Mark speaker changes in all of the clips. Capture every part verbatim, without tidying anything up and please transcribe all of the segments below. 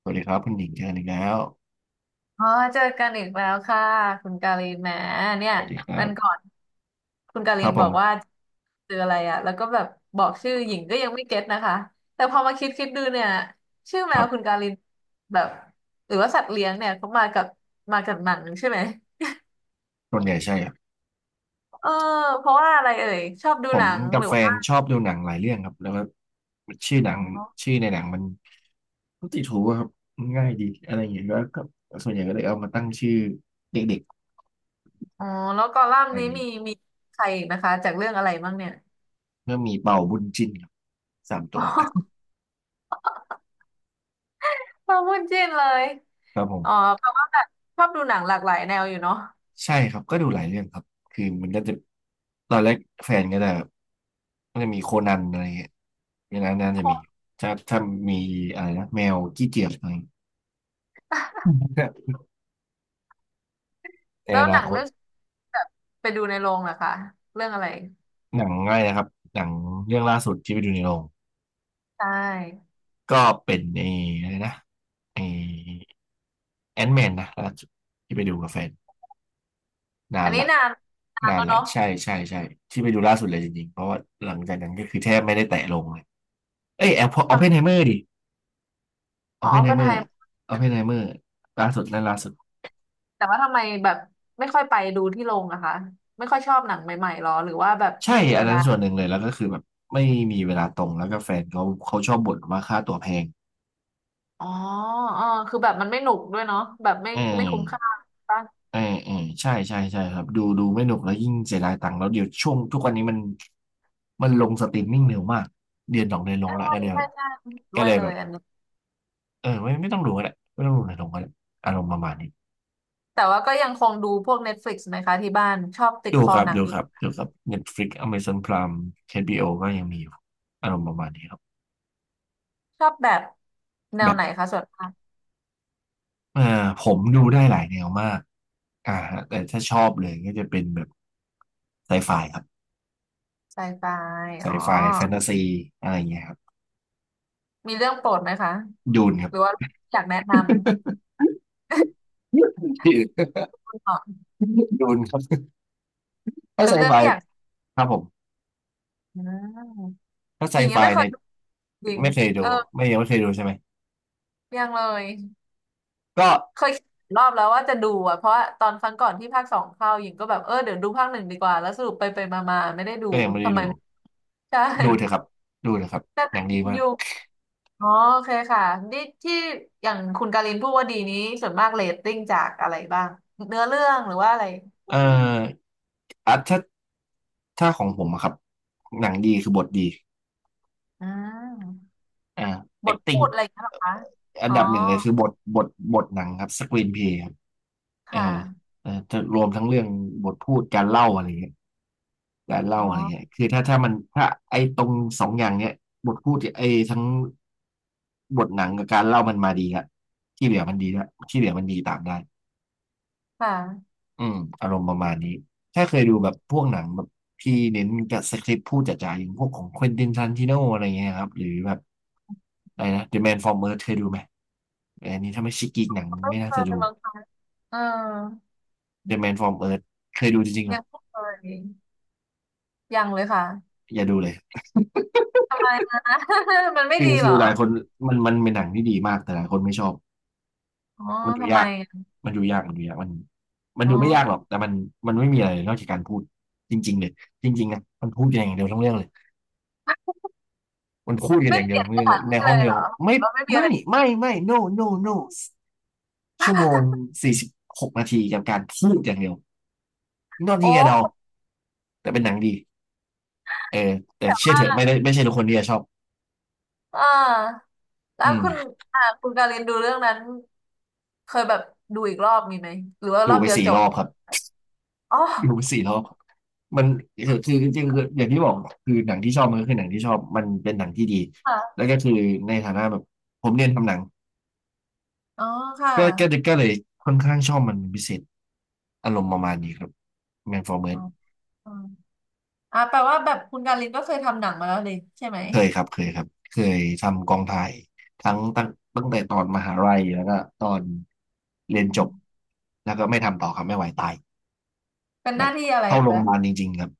Speaker 1: สวัสดีครับคุณหญิงเจอกันอีกแล้ว
Speaker 2: อ๋อเจอกันอีกแล้วค่ะคุณกาลินแหมเนี่
Speaker 1: ส
Speaker 2: ย
Speaker 1: วัสดีครั
Speaker 2: วัน
Speaker 1: บ
Speaker 2: ก่อนคุณกา
Speaker 1: ค
Speaker 2: ลิ
Speaker 1: รั
Speaker 2: น
Speaker 1: บผ
Speaker 2: บอกว่า
Speaker 1: ม
Speaker 2: เจออะไรอะแล้วก็แบบบอกชื่อหญิงก็ยังไม่เก็ตนะคะแต่พอมาคิดคิดดูเนี่ยชื่อแม
Speaker 1: ครั
Speaker 2: วคุณ
Speaker 1: บ
Speaker 2: กาลินแบบหรือว่าสัตว์เลี้ยงเนี่ยเขามากับมากับหนังใช่ไหม
Speaker 1: ส่วนใหญ่ใช่ครับ
Speaker 2: เออเพราะว่าอะไรเอ่ยชอบดู
Speaker 1: ผ
Speaker 2: ห
Speaker 1: ม
Speaker 2: นัง
Speaker 1: กั
Speaker 2: ห
Speaker 1: บ
Speaker 2: รือ
Speaker 1: แฟน
Speaker 2: ว่า
Speaker 1: ชอบดูหนังหลายเรื่องครับแล้วก็ชื่อหนังชื่อในหนังมันก็ติดหูอะครับง่ายดีอะไรอย่างเงี้ยแล้วก็ส่วนใหญ่ก็เลยเอามาตั้งชื่อเด็ก
Speaker 2: อ๋อแล้วกอลั
Speaker 1: ๆ
Speaker 2: ม
Speaker 1: อะ
Speaker 2: น์
Speaker 1: ไรอ
Speaker 2: นี้
Speaker 1: ย่างเงี้
Speaker 2: มี
Speaker 1: ย
Speaker 2: มีใครอีกนะคะจากเรื่องอะไรบ้างเนี่ย
Speaker 1: ก็มีเป่าบุญจินครับสาม ตั
Speaker 2: อ๋
Speaker 1: ว
Speaker 2: อชอบพูดจินเลย
Speaker 1: ครับผ
Speaker 2: อ๋อ
Speaker 1: ม
Speaker 2: แปลว่าแบบชอบดูหนังหลากหลายแนวอยู่เนาะ
Speaker 1: ใช่ครับก็ดูหลายเรื่องครับคือมันก็จะตอนแรกแฟนก็จะก็จะมีโคนันอะไรอย่างเงี้ยในนั้นน่าจะมีถ้าถ้ามีอะไรนะแมวกี้เกียจอะไร ใน
Speaker 2: แล้
Speaker 1: อ
Speaker 2: วห
Speaker 1: นา
Speaker 2: นัง
Speaker 1: คต
Speaker 2: เรื่องแบบไปดูในโรงเหรอคะเรื่องอะไร
Speaker 1: หนังง่ายนะครับหนังเรื่องล่าสุดที่ไปดูในโรง
Speaker 2: ใช่
Speaker 1: ก็เป็นไอ้อะไรนะไอ้แอนแมนนะล่าสุดที่ไปดูกับแฟนนา
Speaker 2: อั
Speaker 1: น
Speaker 2: นนี้
Speaker 1: ละ
Speaker 2: นานนาน
Speaker 1: นาน
Speaker 2: แล้ว
Speaker 1: ละ
Speaker 2: เนาะ
Speaker 1: ใช่ใช่ใช่ที่ไปดูล่าสุดเลยจริงๆเพราะว่าหลังจากนั้นก็คือแทบไม่ได้แตะลงเลยเอ้ยแอปออปเพนไฮ
Speaker 2: ท
Speaker 1: เมอร์ดิ
Speaker 2: ำ
Speaker 1: ออ
Speaker 2: อ๋
Speaker 1: ป
Speaker 2: อ
Speaker 1: เพ
Speaker 2: อ
Speaker 1: น
Speaker 2: ป
Speaker 1: ไฮ
Speaker 2: เพน
Speaker 1: เมอ
Speaker 2: ไฮ
Speaker 1: ร์ออปเพนไฮเมอร์ล่าสุดนั่นล่าสุด
Speaker 2: แต่ว่าทำไมแบบไม่ค่อยไปดูที่โรงอะคะไม่ค่อยชอบหนังใหม่ๆหรอหรือว่าแบบ
Speaker 1: ใช่
Speaker 2: ไม่มี
Speaker 1: อั
Speaker 2: เว
Speaker 1: นนั้
Speaker 2: ลา
Speaker 1: นส่วนหนึ่งเลยแล้วก็คือแบบไม่มีเวลาตรงแล้วก็แฟนเขาเขาชอบบ่นว่าค่าตั๋วแพง
Speaker 2: อ๋ออ๋อคือแบบมันไม่หนุกด้วยเนาะแบบไม่
Speaker 1: อื
Speaker 2: ไม่
Speaker 1: ม
Speaker 2: คุ้มค่าป่ะ
Speaker 1: เออเออใช่ใช่ใช่ครับดูดูไม่หนุกแล้วยิ่งเสียดายตังค์แล้วเดี๋ยวช่วงทุกวันนี้มันมันลงสตรีมมิ่งเร็วมากเดือนสองเดือนลง
Speaker 2: ใช่
Speaker 1: ละก็เลยแบ
Speaker 2: ใช่
Speaker 1: บ
Speaker 2: ใช่ด้
Speaker 1: ก็
Speaker 2: วย
Speaker 1: เลย
Speaker 2: เล
Speaker 1: แบ
Speaker 2: ย
Speaker 1: บ
Speaker 2: อันนี้
Speaker 1: เออไม่ไม่ต้องดูก็ได้ไม่ต้องดูในลงก็ได้อารมณ์ประมาณนี้
Speaker 2: แต่ว่าก็ยังคงดูพวกเน็ต e ลิก i ์ไหมคะที่บ้านชอบติด
Speaker 1: ดู
Speaker 2: คอ
Speaker 1: ครับ
Speaker 2: หนัง
Speaker 1: ดู
Speaker 2: อ
Speaker 1: ค
Speaker 2: ยู่
Speaker 1: รับดูครับ Netflix Amazon Prime เอชบีโ o ก็ยังมีอยู่อารมณ์ประมาณนี้ครับ
Speaker 2: ชอบแบบแนว
Speaker 1: แบบ
Speaker 2: ไหนคะส่วนมาก
Speaker 1: เออผมดูได้หลายแนวมากอ่าฮะแต่ถ้าชอบเลยก็จะเป็นแบบไซไฟครับ
Speaker 2: ไซไฟ
Speaker 1: ไซ
Speaker 2: อ๋อ
Speaker 1: ไฟแฟนตาซีอะไรอย่างเงี้ยครับ
Speaker 2: มีเรื่องโปรดไหมคะ
Speaker 1: ดูนครั
Speaker 2: ห
Speaker 1: บ
Speaker 2: รือว่าอยากแนะนำ ก่หน่อย
Speaker 1: ดูนครับถ้า
Speaker 2: เป็
Speaker 1: ไซ
Speaker 2: นเรื่อ
Speaker 1: ไฟ
Speaker 2: งที่อยาก
Speaker 1: ครับผม
Speaker 2: อืม
Speaker 1: ถ้าไซ
Speaker 2: หญิง
Speaker 1: ไฟ
Speaker 2: ยังไม่เค
Speaker 1: ใน
Speaker 2: ยดูจริง
Speaker 1: ไม่เคย
Speaker 2: เอ
Speaker 1: ดู
Speaker 2: อ
Speaker 1: ไม่ยังไม่เคยดูใช่ไหม
Speaker 2: ยังเลย
Speaker 1: ก็
Speaker 2: เคยคิดรอบแล้วว่าจะดูอ่ะเพราะว่าตอนครั้งก่อนที่ภาคสองเข้าหญิงก็แบบเออเดี๋ยวดูภาคหนึ่งดีกว่าแล้วสรุปไปไปมามาไม่ได้ดู
Speaker 1: ก็ยังไม่ได้
Speaker 2: ทำไม
Speaker 1: ดู
Speaker 2: ไม่ ใช่
Speaker 1: ดูเถอะครับดูเถอะครับ
Speaker 2: แต่ห
Speaker 1: ห
Speaker 2: นั
Speaker 1: นัง
Speaker 2: ง
Speaker 1: ดี
Speaker 2: ยัง
Speaker 1: มา
Speaker 2: อ
Speaker 1: ก
Speaker 2: ยู่อ๋อโอเคค่ะนี่ที่อย่างคุณการินพูดว่าดีนี้ส่วนมากเรตติ้งจากอะไรบ้างเนื้อเรื่องหรือว่าอะไร
Speaker 1: เอ่ออ่ะถ้าถ้าของผมอะครับหนังดีคือบทดี
Speaker 2: อืม
Speaker 1: อ่า
Speaker 2: บทพู
Speaker 1: acting
Speaker 2: ดอะไรอย่างเงี้ยเหรอคะ
Speaker 1: อัน
Speaker 2: อ๋อ
Speaker 1: ดับหนึ่งเลยคือบทบทบทหนังครับ screen play ครับเออ
Speaker 2: ค่ะ
Speaker 1: เออจะรวมทั้งเรื่องบทพูดการเล่าอะไรอย่างเงี้ย การเล่า
Speaker 2: อ๋อ
Speaker 1: อะไรเงี้ยคือถ้าถ้ามันถ้าไอ้ตรงสองอย่างเนี้ยบทพูดไอ้ทั้งบทหนังกับการเล่ามันมาดีละที่เหลือมันดีละที่เหลือมันดีตามได้
Speaker 2: ค่ะ
Speaker 1: อืมอารมณ์ประมาณนี้ ถ้าเคยดูแบบพวกหนังแบบที่เน้นกับสคริปต์พูดจ๋าๆอย่างพวกของควินตินทารันติโนอะไรเงี้ยครับ หรือแบบอะไรนะ The Man from Earth เคยดูไหมอันนี้ถ้าไม่ชิกกีกหนัง
Speaker 2: ไม่
Speaker 1: ไม่น่า
Speaker 2: เค
Speaker 1: จะ
Speaker 2: ย
Speaker 1: ดู
Speaker 2: ลองทำเออ
Speaker 1: The Man from Earth เคยดูจริงๆเหร
Speaker 2: ยั
Speaker 1: อ
Speaker 2: งไม่เคยยังเลยค่ะ
Speaker 1: อย่าดูเลย
Speaker 2: ทำไมนะ มันไม่
Speaker 1: คือ
Speaker 2: ดี
Speaker 1: คื
Speaker 2: เหร
Speaker 1: อ
Speaker 2: อ
Speaker 1: หลายคนมันมันเป็นหนังที่ดีมากแต่หลายคนไม่ชอบ
Speaker 2: อ๋อ
Speaker 1: มันดู
Speaker 2: ทำไม
Speaker 1: ยาก
Speaker 2: อะ
Speaker 1: มันดูยากมันดูยากมันมัน
Speaker 2: อ๋อ
Speaker 1: ดูไม่ยากหรอก แต่มันมันไม่มีอะไรนอกจากการพูดจริงๆเลยจริงๆนะมันพูดกันอย่างเดียวทั้งเรื่องเลยมันพูดกัน
Speaker 2: ไม่
Speaker 1: อย่าง
Speaker 2: เป
Speaker 1: เดียว
Speaker 2: ลี่ยน
Speaker 1: ทั้ง
Speaker 2: ส
Speaker 1: เรื่องเล
Speaker 2: ถา
Speaker 1: ย
Speaker 2: น
Speaker 1: ใน
Speaker 2: ที่
Speaker 1: ห้
Speaker 2: เล
Speaker 1: อง
Speaker 2: ย
Speaker 1: เดี
Speaker 2: เหร
Speaker 1: ยว
Speaker 2: อ
Speaker 1: ไม่
Speaker 2: แล้วไม่มีอะ
Speaker 1: ไม่
Speaker 2: ไร
Speaker 1: ไม่ไม่ no no no ชั่วโมงสี่สิบหกนาทีกับการพูดอย่างเดียว not
Speaker 2: โอ
Speaker 1: ที่แกเดา
Speaker 2: ้
Speaker 1: แต่เป็นหนังดีเออแต่เชื่อเถอะไม่ได้ไม่ใช่ทุกคนที่จะชอบ
Speaker 2: อ่าแล้
Speaker 1: อื
Speaker 2: วคุณ
Speaker 1: ม
Speaker 2: อ่าคุณการินดูเรื่องนั้นเคยแบบดูอีกรอบมีไหมหรือว่าร
Speaker 1: ดู
Speaker 2: อบ
Speaker 1: ไป
Speaker 2: เดียว
Speaker 1: สี่
Speaker 2: จ
Speaker 1: ร
Speaker 2: บ
Speaker 1: อบครับ
Speaker 2: อ๋อ
Speaker 1: ดูสี่รอบมันคือคือจริงๆคืออย่างที่บอกคือหนังที่ชอบมันก็คือหนังที่ชอบมันเป็นหนังที่ดี แล้
Speaker 2: ค่ะ
Speaker 1: วก็คือในฐานะแบบผมเรียนทำหนัง
Speaker 2: อ๋อค่ะ
Speaker 1: ก็ก็ก็เลยค่อนข้างชอบมันเป็นพิเศษอารมณ์ประมาณนี้ครับแมนฟอร์เมส
Speaker 2: อ๋ออ๋ออ่าแปลว่าแบบคุณการินก็เคยทำหนังมาแล้วเลยใช่ไหม
Speaker 1: เคยครับเคยครับเคยทำกองถ่ายทั้งตั้งตั้งแต่ตอนมหาลัยแล้วก็ตอน
Speaker 2: อื
Speaker 1: เรียนจบ
Speaker 2: ม
Speaker 1: แล้วก็ไม่ทำต่อครับไม่ไหวตาย
Speaker 2: เป็นห
Speaker 1: แบ
Speaker 2: น้า
Speaker 1: บ
Speaker 2: ที่อะไร
Speaker 1: เข้าโรง
Speaker 2: คะ
Speaker 1: พยาบาลจริงๆครับ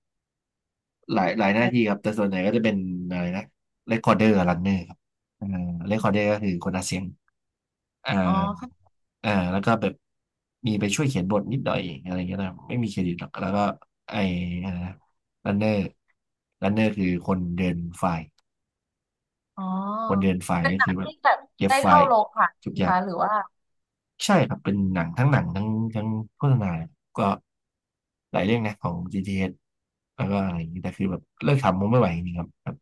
Speaker 1: หลายหลายหน้าที่ครับแต่ส่วนใหญ่ก็จะเป็นอะไรนะเรคคอร์เดอร์รันเนอร์ครับอ่าเรคคอร์เดอร์ก็คือคนอัดเสียงอ่า
Speaker 2: อ๋อ
Speaker 1: อ่าแล้วก็แบบมีไปช่วยเขียนบทนิดหน่อยอะไรเงี้ยนะไม่มีเครดิตหรอกแล้วก็ไออะไรนะรันเนอร์รันเนอร์คือคนเดินไฟล์
Speaker 2: อ๋อ
Speaker 1: คนเดินไฟล์
Speaker 2: เป็น
Speaker 1: ก็
Speaker 2: หนั
Speaker 1: คื
Speaker 2: ง
Speaker 1: อแบบ
Speaker 2: ที่แบบ
Speaker 1: เก็บ
Speaker 2: ได้
Speaker 1: ไฟ
Speaker 2: เข้า
Speaker 1: ล์
Speaker 2: โรงผ่าน
Speaker 1: ทุก
Speaker 2: ไหม
Speaker 1: อย่าง
Speaker 2: คะหรือว่า
Speaker 1: ใช่ครับเป็นหนังทั้งหนังทั้งทั้งโฆษณาก็หลายเรื่องนะของ จี ที เอช แล้วก็อะไรอย่างนี้แต่คือแบบเลิกทำมันไม่ไหวจริงๆครับแบบ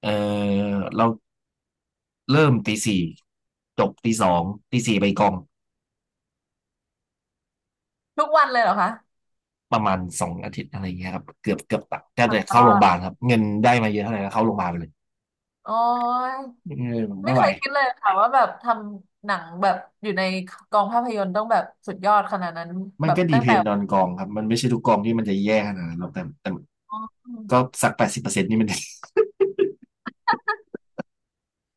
Speaker 1: เออเรา เริ่มตีสี่จบตีสองตีสี่ไปกอง
Speaker 2: ทุกวันเลยเหรอคะ
Speaker 1: ประมาณสองอาทิตย์อะไรอย่างเงี้ยครับเกือบเกือบตัดก็จะ
Speaker 2: ต
Speaker 1: เข้า
Speaker 2: ล
Speaker 1: โร
Speaker 2: อ
Speaker 1: งพ
Speaker 2: ด
Speaker 1: ยาบาลครับเงินได้มาเยอะเท่าไหร่ก็เข้าโรงพยาบาลไปเลย
Speaker 2: โอ้ย
Speaker 1: เออ
Speaker 2: ไม่
Speaker 1: ไม่ไห
Speaker 2: เค
Speaker 1: ว
Speaker 2: ยคิดเลยค่ะว่าแบบทำหนังแบบอยู่ในกองภาพยนตร์ต้องแบบสุดยอดขนาดนั้น
Speaker 1: มัน
Speaker 2: แบบ
Speaker 1: ก็ดี
Speaker 2: ตั้ง
Speaker 1: เพ
Speaker 2: แต่
Speaker 1: นดอนกองครับมันไม่ใช่ทุกกองที่มันจะแย่ขนาดนั้นหรอกแต่แต่
Speaker 2: อ๋อ
Speaker 1: ก็สักแปดสิบเปอร์เซ็นต์นี่มัน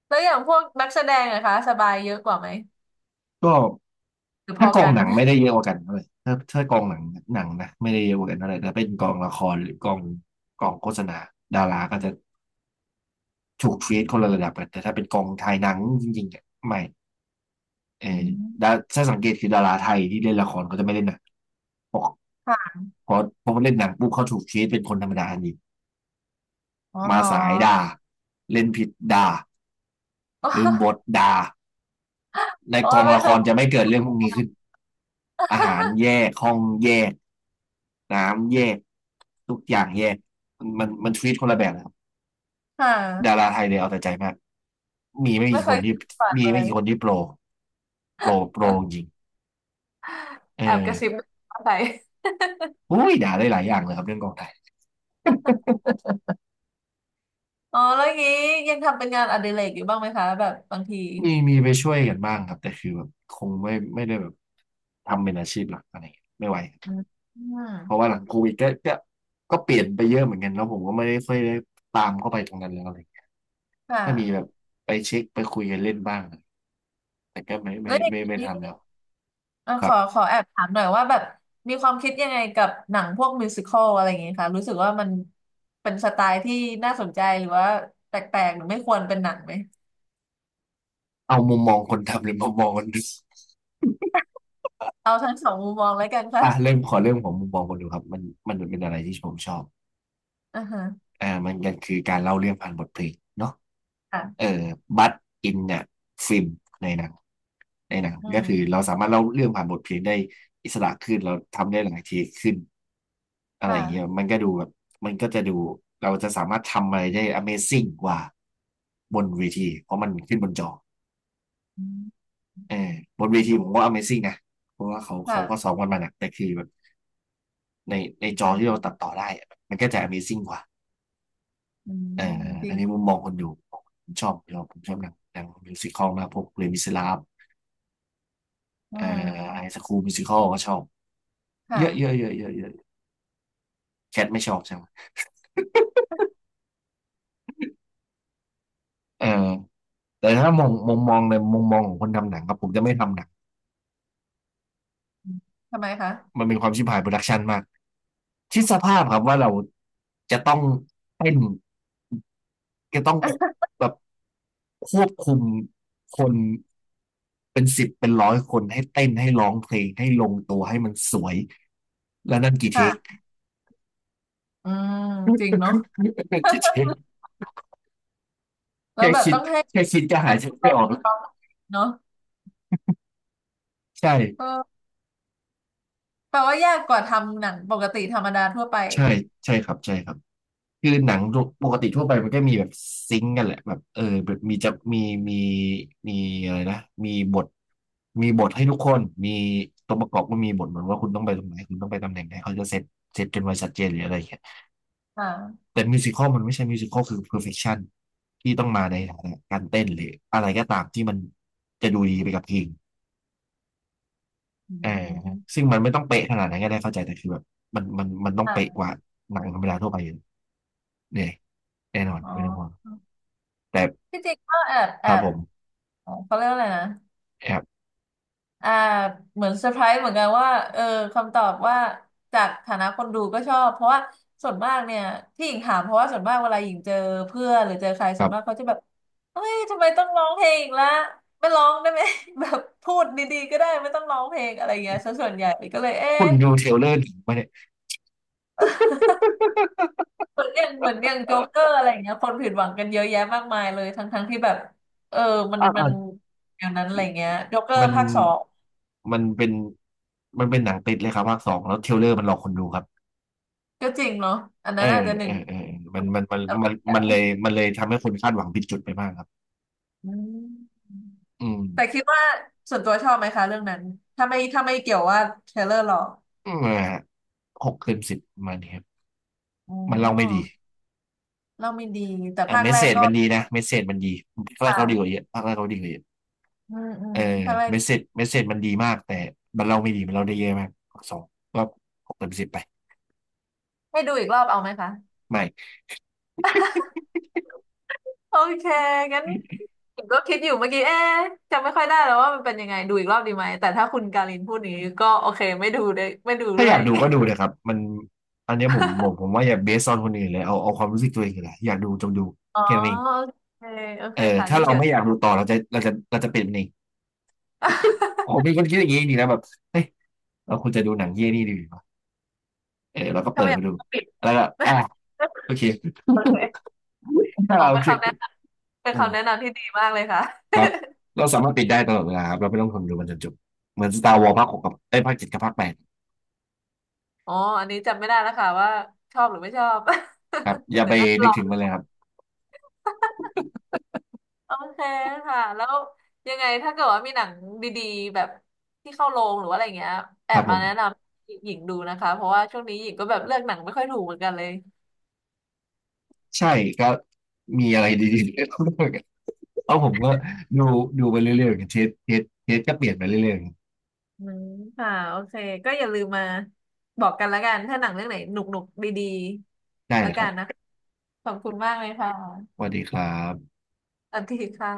Speaker 2: แล้วอย่างพวกนักแสดงนะคะสบายเยอะกว่าไหม
Speaker 1: ก็
Speaker 2: หรือพ
Speaker 1: ถ้า
Speaker 2: อ
Speaker 1: กอ
Speaker 2: กั
Speaker 1: ง
Speaker 2: น
Speaker 1: หนังไม่ได้เยอะกว่ากันเลยถ้าถ้ากองหนังหนังนะไม่ได้เยอะกว่ากันเท่าไหร่แต่เป็นกองละครหรือกองกองโฆษณาดาราก็จะถูกทรีตคนละระดับกันแต่ถ้าเป็นกองถ่ายหนังจริงๆเนี่ยไม่ เออ
Speaker 2: อื
Speaker 1: ดา
Speaker 2: ม
Speaker 1: ถ้าสังเกตคือดาราไทยที่เล่นละครเขาจะไม่เล่นหนังเพราะ
Speaker 2: ค่ะ
Speaker 1: เพราะเพราะเล่นหนังปุ๊บเขาถูกชีตเป็นคนธรรมดาทันที
Speaker 2: อ๋อเหร
Speaker 1: มา
Speaker 2: อ
Speaker 1: สายด่าเล่นผิดด่า
Speaker 2: อ๋อ
Speaker 1: ลืมบทด่า ใน
Speaker 2: โอ้
Speaker 1: ก
Speaker 2: ย
Speaker 1: อง
Speaker 2: ไม่
Speaker 1: ละ
Speaker 2: เค
Speaker 1: ค
Speaker 2: ย
Speaker 1: รจะไม่เกิดเรื่องพวกนี้ขึ้นอาหารแยกห้องแยกน้ำแยกทุกอย่างแยกมันมันมันทีตคนละแบบนะครับ
Speaker 2: ค่ะ
Speaker 1: ดาราไทยเลยเอาแต่ใจมากมีไม่
Speaker 2: ไม่
Speaker 1: กี่
Speaker 2: เค
Speaker 1: คน
Speaker 2: ย
Speaker 1: ที่
Speaker 2: ฝัน
Speaker 1: มี
Speaker 2: เล
Speaker 1: ไม่
Speaker 2: ย
Speaker 1: กี่คนที่โปรโปรโปรจริง เอ
Speaker 2: แอบกระซิบ
Speaker 1: อ
Speaker 2: ว่าไป
Speaker 1: อุ้ยด่าได้หลายอย่างเลยครับเรื่องกองไทย
Speaker 2: อ๋อแล้วอย่างนี้ยังทำเป็นงานอดิเรกอยู่บ้างไหมคะแบบบางที
Speaker 1: มีมีไปช่วยกันบ้างครับแต่คือแบบคงไม่ไม่ได้แบบทำเป็นอาชีพหลักอะไรอย่างเงี้ยไม่ไหว
Speaker 2: อืมอืม
Speaker 1: เพราะว่าหลังโควิดก็ก็ก็เปลี่ยนไปเยอะเหมือนกันแล้วผมก็ไม่ได้ค่อยได้ตามเข้าไปตรงนั้นแล้วอะไรอย่างเงี้ย
Speaker 2: ค่ะ
Speaker 1: ถ้ามีแบบไปเช็คไปคุยกันเล่นบ้างแต่ก็ไม่ไม่
Speaker 2: แล้วอย่าง
Speaker 1: ไม่ไม่
Speaker 2: นี้
Speaker 1: ทำแล้ว
Speaker 2: เอ่อ
Speaker 1: ค
Speaker 2: ข
Speaker 1: รั
Speaker 2: อ
Speaker 1: บ
Speaker 2: ขอแอบถามหน่อยว่าแบบมีความคิดยังไงกับหนังพวกมิวสิคอลอะไรอย่างเงี้ยคะรู้สึกว่ามันเป็นสไตล์ที่น่าสนใจหรือว่าแปลกๆหรือไม่ควรเป็นหนังไหม
Speaker 1: เอามุมมองคนทำหรือมุมมองคนดู
Speaker 2: เอาทั้งสองมุมมองแล้วกันค่ะ
Speaker 1: อ่ะเริ่มขอเริ่มของมุมมองคนดูครับมันมันเป็นอะไรที่ผมชอบ
Speaker 2: อ่าฮะ
Speaker 1: อ่ามันก็คือการเล่าเรื่องผ่านบทเพลงเนาะ เอ่อ
Speaker 2: ค่ะ
Speaker 1: บัตอินเนี่ยฟิล์มในหนังในหนัง
Speaker 2: อื
Speaker 1: ก็คือ
Speaker 2: ม
Speaker 1: เราสามารถเล่าเรื่องผ่านบทเพลงได้อิสระขึ้นเราทำได้หลายเทคขึ้นอะ
Speaker 2: ค
Speaker 1: ไรอย่างเงี้ย
Speaker 2: ่ะ
Speaker 1: มันก็ดูแบบมันก็จะดูเราจะสามารถทำอะไรได้ Amazing กว่าบนเวทีเพราะมันขึ้นบนจอ
Speaker 2: อืม
Speaker 1: เออบนเวทีผมว่า Amazing นะเพราะว่าเขา
Speaker 2: ค่ะ
Speaker 1: เขาก็ซ้อมกันมาหนักแต่คือแบบในในจอที่เราตัดต่อได้อะมันก็จะ Amazing กว่า
Speaker 2: อื
Speaker 1: เอ
Speaker 2: ม
Speaker 1: อ
Speaker 2: จ
Speaker 1: อั
Speaker 2: ริ
Speaker 1: น
Speaker 2: ง
Speaker 1: นี้มุมมองคนดูผมชอบเราผมชอบหนังหนังมิวสิคอลมากพวกเลมิสลาฟ
Speaker 2: อื
Speaker 1: เอ่อไฮส
Speaker 2: ม
Speaker 1: คูลมิวสิคอลก็ชอบเยอะเยอะ
Speaker 2: ค่ะ
Speaker 1: เยอะเยอะเยอะแคทไม่ชอบใช่ไหมเออแต่ถ้ามองมองมองในมุมมองของคนทำหนังครับผมจะไม่ทำหนัง
Speaker 2: อืมทำไมคะ
Speaker 1: มันเป็นความชิบหายโปรดักชันมากคิดสภาพครับว่าเราจะต้องเต้นจะต้องแบบควบคุมคนเป็นสิบเป็นร้อยคนให้เต้นให้ร้องเพลงให้ลงตัวให้มันสวยแล้วนั่นกี่เทค
Speaker 2: ค่ะอืมจริงเนาะ
Speaker 1: นั่น กี่ เทค
Speaker 2: แล้ว
Speaker 1: แค่
Speaker 2: แบบ
Speaker 1: คิด
Speaker 2: ต้องให้
Speaker 1: แค่คิดก็หา
Speaker 2: มั
Speaker 1: ย
Speaker 2: น
Speaker 1: ใจไม่
Speaker 2: เป็
Speaker 1: อ
Speaker 2: น
Speaker 1: อกแล้ว
Speaker 2: เนาะ
Speaker 1: ใช่
Speaker 2: ก็แปลว่ายากกว่าทำหนังปกติธรรมดาทั่วไป
Speaker 1: ใช่ใช่ครับใช่ครับ คือหนังปกติทั่วไปมันก็มีแบบซิงก์กันแหละแบบเออแบบมีจะมีมีมีอะไรนะมีบทมีบทให้ทุกคนมีตัวประกอบก็มีบทเหมือนว่าคุณต้องไปตรงไหนคุณต้องไปตำแหน่งไหนเขาจะเซตเซตกันไว้ชัดเจนหรืออะไรอย่างเงี้ย
Speaker 2: อ่า
Speaker 1: แต่มิวสิคอลมันไม่ใช่มิวสิคอลคือ perfection ที่ต้องมาในฐานะการเต้นหรืออะไรก็ตามที่มันจะดูดีไปกับเพลง
Speaker 2: อื
Speaker 1: เออ
Speaker 2: ม
Speaker 1: ซึ่งมันไม่ต้องเป๊ะขนาดนั้นก็ได้เข้าใจแต่คือแบบมันมันมันต้องเป๊ะ
Speaker 2: อ่ะ
Speaker 1: กว่าหนังธรรมดาทั่วไปอยู่เนี่ยแน่นอน
Speaker 2: อ๋อ
Speaker 1: ไม่ต้องห่วงแต่
Speaker 2: ที่จริงก็แอบ
Speaker 1: ค
Speaker 2: แอ
Speaker 1: รับ
Speaker 2: บ
Speaker 1: ผม
Speaker 2: อ๋อเขาเรียกว่าอะไรนะ
Speaker 1: ครับ
Speaker 2: อ่าเหมือนเซอร์ไพรส์เหมือนกันว่าเออคำตอบว่าจากฐานะคนดูก็ชอบเพราะว่าส่วนมากเนี่ยที่หญิงถามเพราะว่าส่วนมากเวลาหญิงเจอเพื่อนหรือเจอใคร
Speaker 1: ค
Speaker 2: ส่
Speaker 1: รั
Speaker 2: วนมาก
Speaker 1: บ
Speaker 2: เขาจะแบบเฮ้ยทำไมต้องร้องเพลงอีกละไม่ร้องได้ไหม แบบพูดดีๆก็ได้ไม่ต้องร้องเพลงอะไรเงี้ยซะส่วนใหญ่ก็เลย
Speaker 1: คุ
Speaker 2: เอ๊ะ
Speaker 1: ณดูเทรลเลอร์หนังมาเนี่ย
Speaker 2: เหมือนอย่างเหมือนอย่างโจ๊กเกอร์อะไรเงี้ยคนผิดหวังกันเยอะแยะมากมายเลยทั้งทั้งที่แบบเออมัน
Speaker 1: อ่า
Speaker 2: มั
Speaker 1: อ่า
Speaker 2: นอย่างนั้นอะไรเงี้ยโจ๊กเกอ
Speaker 1: มั
Speaker 2: ร์
Speaker 1: น
Speaker 2: ภาคสอง
Speaker 1: มันเป็นมันเป็นหนังติดเลยครับภาคสองแล้วเทรลเลอร์มันหลอกคนดูครับ
Speaker 2: ก็จริงเนาะอัน
Speaker 1: เอ
Speaker 2: นั้นอาจ
Speaker 1: อ
Speaker 2: จะหนึ่
Speaker 1: เอ
Speaker 2: ง
Speaker 1: อเออมันมันมัน
Speaker 2: ตลก
Speaker 1: มัน
Speaker 2: ดี
Speaker 1: มันเล
Speaker 2: อะ
Speaker 1: ยมันเลยทำให้คนคาดหวังผิดจุดไปมากครับ
Speaker 2: อืม
Speaker 1: อืม
Speaker 2: แต่คิดว่าส่วนตัวชอบไหมคะเรื่องนั้นถ้าไม่ถ้าไม่เกี่ยวว่าเทรลเลอร์หรอก
Speaker 1: อืมอ่าหกเต็มสิบประมันครับ
Speaker 2: อ๋อ
Speaker 1: มันเล่าไม่ดี
Speaker 2: เล่าไม่ดีแต่
Speaker 1: อ่า
Speaker 2: ภาค
Speaker 1: เมส
Speaker 2: แร
Speaker 1: เซ
Speaker 2: ก
Speaker 1: จ
Speaker 2: ก็
Speaker 1: มันดีนะเมสเซจมันดีภาค
Speaker 2: ค
Speaker 1: แรกเขาดีกว่าเย
Speaker 2: ่ะ
Speaker 1: อะภาคแรกเขาดีกว่าเยอะ
Speaker 2: อืมอื
Speaker 1: เอ
Speaker 2: ม
Speaker 1: อ
Speaker 2: ภาคแรก
Speaker 1: เมสเซจเมสเซจมันดีมากแต่มันเล่าไม่ดีมันเล่าได้เยอะมากภาคสองก็หกเต็มสิบไป
Speaker 2: ให้ดูอีกรอบเอาไหมคะ
Speaker 1: ไม่
Speaker 2: โอเคงั้นผมก็คิดอยู่เมื่อกี้เอ๊ะจำไม่ค่อยได้แล้วว่ามันเป็นยังไงดูอีกรอบดีไหมแต่ถ้าคุณการินพูดอย่างนี้ก็โอเคไม่ดูเลยไม่ดู
Speaker 1: ถ้า
Speaker 2: ด้
Speaker 1: อ
Speaker 2: ว
Speaker 1: ยา
Speaker 2: ย
Speaker 1: กดูก็ดูเลยครับมันอันเนี้ยผมผมผมว่าอย่าเบสออนคนอื่นเลยเอาเอาความรู้สึกตัวเองเลยอยากดูจงดู
Speaker 2: อ๋อ
Speaker 1: แค่นั้นเอง
Speaker 2: โอเคโอเค
Speaker 1: เออ
Speaker 2: ค่ะ
Speaker 1: ถ้า
Speaker 2: งั้น
Speaker 1: เรา
Speaker 2: เดี๋ยว
Speaker 1: ไม่อยากดูต่อเราจะเราจะเราจะเป็นเอง ผมเป็น คนคิดอย่างนี้นี่นะแบบเฮ้ยเราควรจะดูหนังเยี่ยนี่ดีกว่าเออเราก็
Speaker 2: ถ้า
Speaker 1: เปิด
Speaker 2: ไม่อยา
Speaker 1: มา
Speaker 2: ก
Speaker 1: ดู
Speaker 2: ปิด
Speaker 1: แล้วก็อ่ะโอ เค
Speaker 2: โอเค
Speaker 1: อ่า
Speaker 2: อ๋อ
Speaker 1: โอ
Speaker 2: เป็น
Speaker 1: เค
Speaker 2: คำแนะนำเป็น
Speaker 1: อื
Speaker 2: คำแนะ
Speaker 1: ม
Speaker 2: นำที่ดีมากเลยค่ะ
Speaker 1: ครับเราสามารถปิดได้ตลอดเวลาครับเราไม่ต้องทนดูมันจนจบเหมือน Star Wars ภาคหกกับไอ้ยภาคเจ็ดกับภาคแปด
Speaker 2: อ๋ออันนี้จำไม่ได้แล้วค่ะว่าชอบหรือไม่ชอบ
Speaker 1: ครับอ ย่า
Speaker 2: เดี๋
Speaker 1: ไป
Speaker 2: ยวน่าจล
Speaker 1: นึก
Speaker 2: อ
Speaker 1: ถึงมันเลยครับ
Speaker 2: โอเคค่ะแล้วยังไงถ้าเกิดว่ามีหนังดีๆแบบที่เข้าโรงหรือว่าอะไรเงี้ยแอ
Speaker 1: ครั
Speaker 2: บ
Speaker 1: บผ
Speaker 2: มา
Speaker 1: ม
Speaker 2: แนะนำหญิงดูนะคะเพราะว่าช่วงนี้หญิงก็แบบเลือกหนังไม่ค่อยถูกเหมือนกันเลย
Speaker 1: ใช่ก็มีอะไรดีๆ เพราะผมก็ดูดูไปเรื่อยๆอย่างเทสเทสเทสก็เปลี่ยนไปเรื่อย
Speaker 2: อืมค่ะโอเคก็อย่าลืมมาบอกกันแล้วกันถ้าหนังเรื่องไหนหนุกๆดี
Speaker 1: ๆได้
Speaker 2: ๆแล้
Speaker 1: เล
Speaker 2: ว
Speaker 1: ยค
Speaker 2: กั
Speaker 1: รั
Speaker 2: นนะ
Speaker 1: บ
Speaker 2: คะขอบคุณมากเลยค่ะ
Speaker 1: สวัสดีครับ
Speaker 2: สวัสดีค่ะ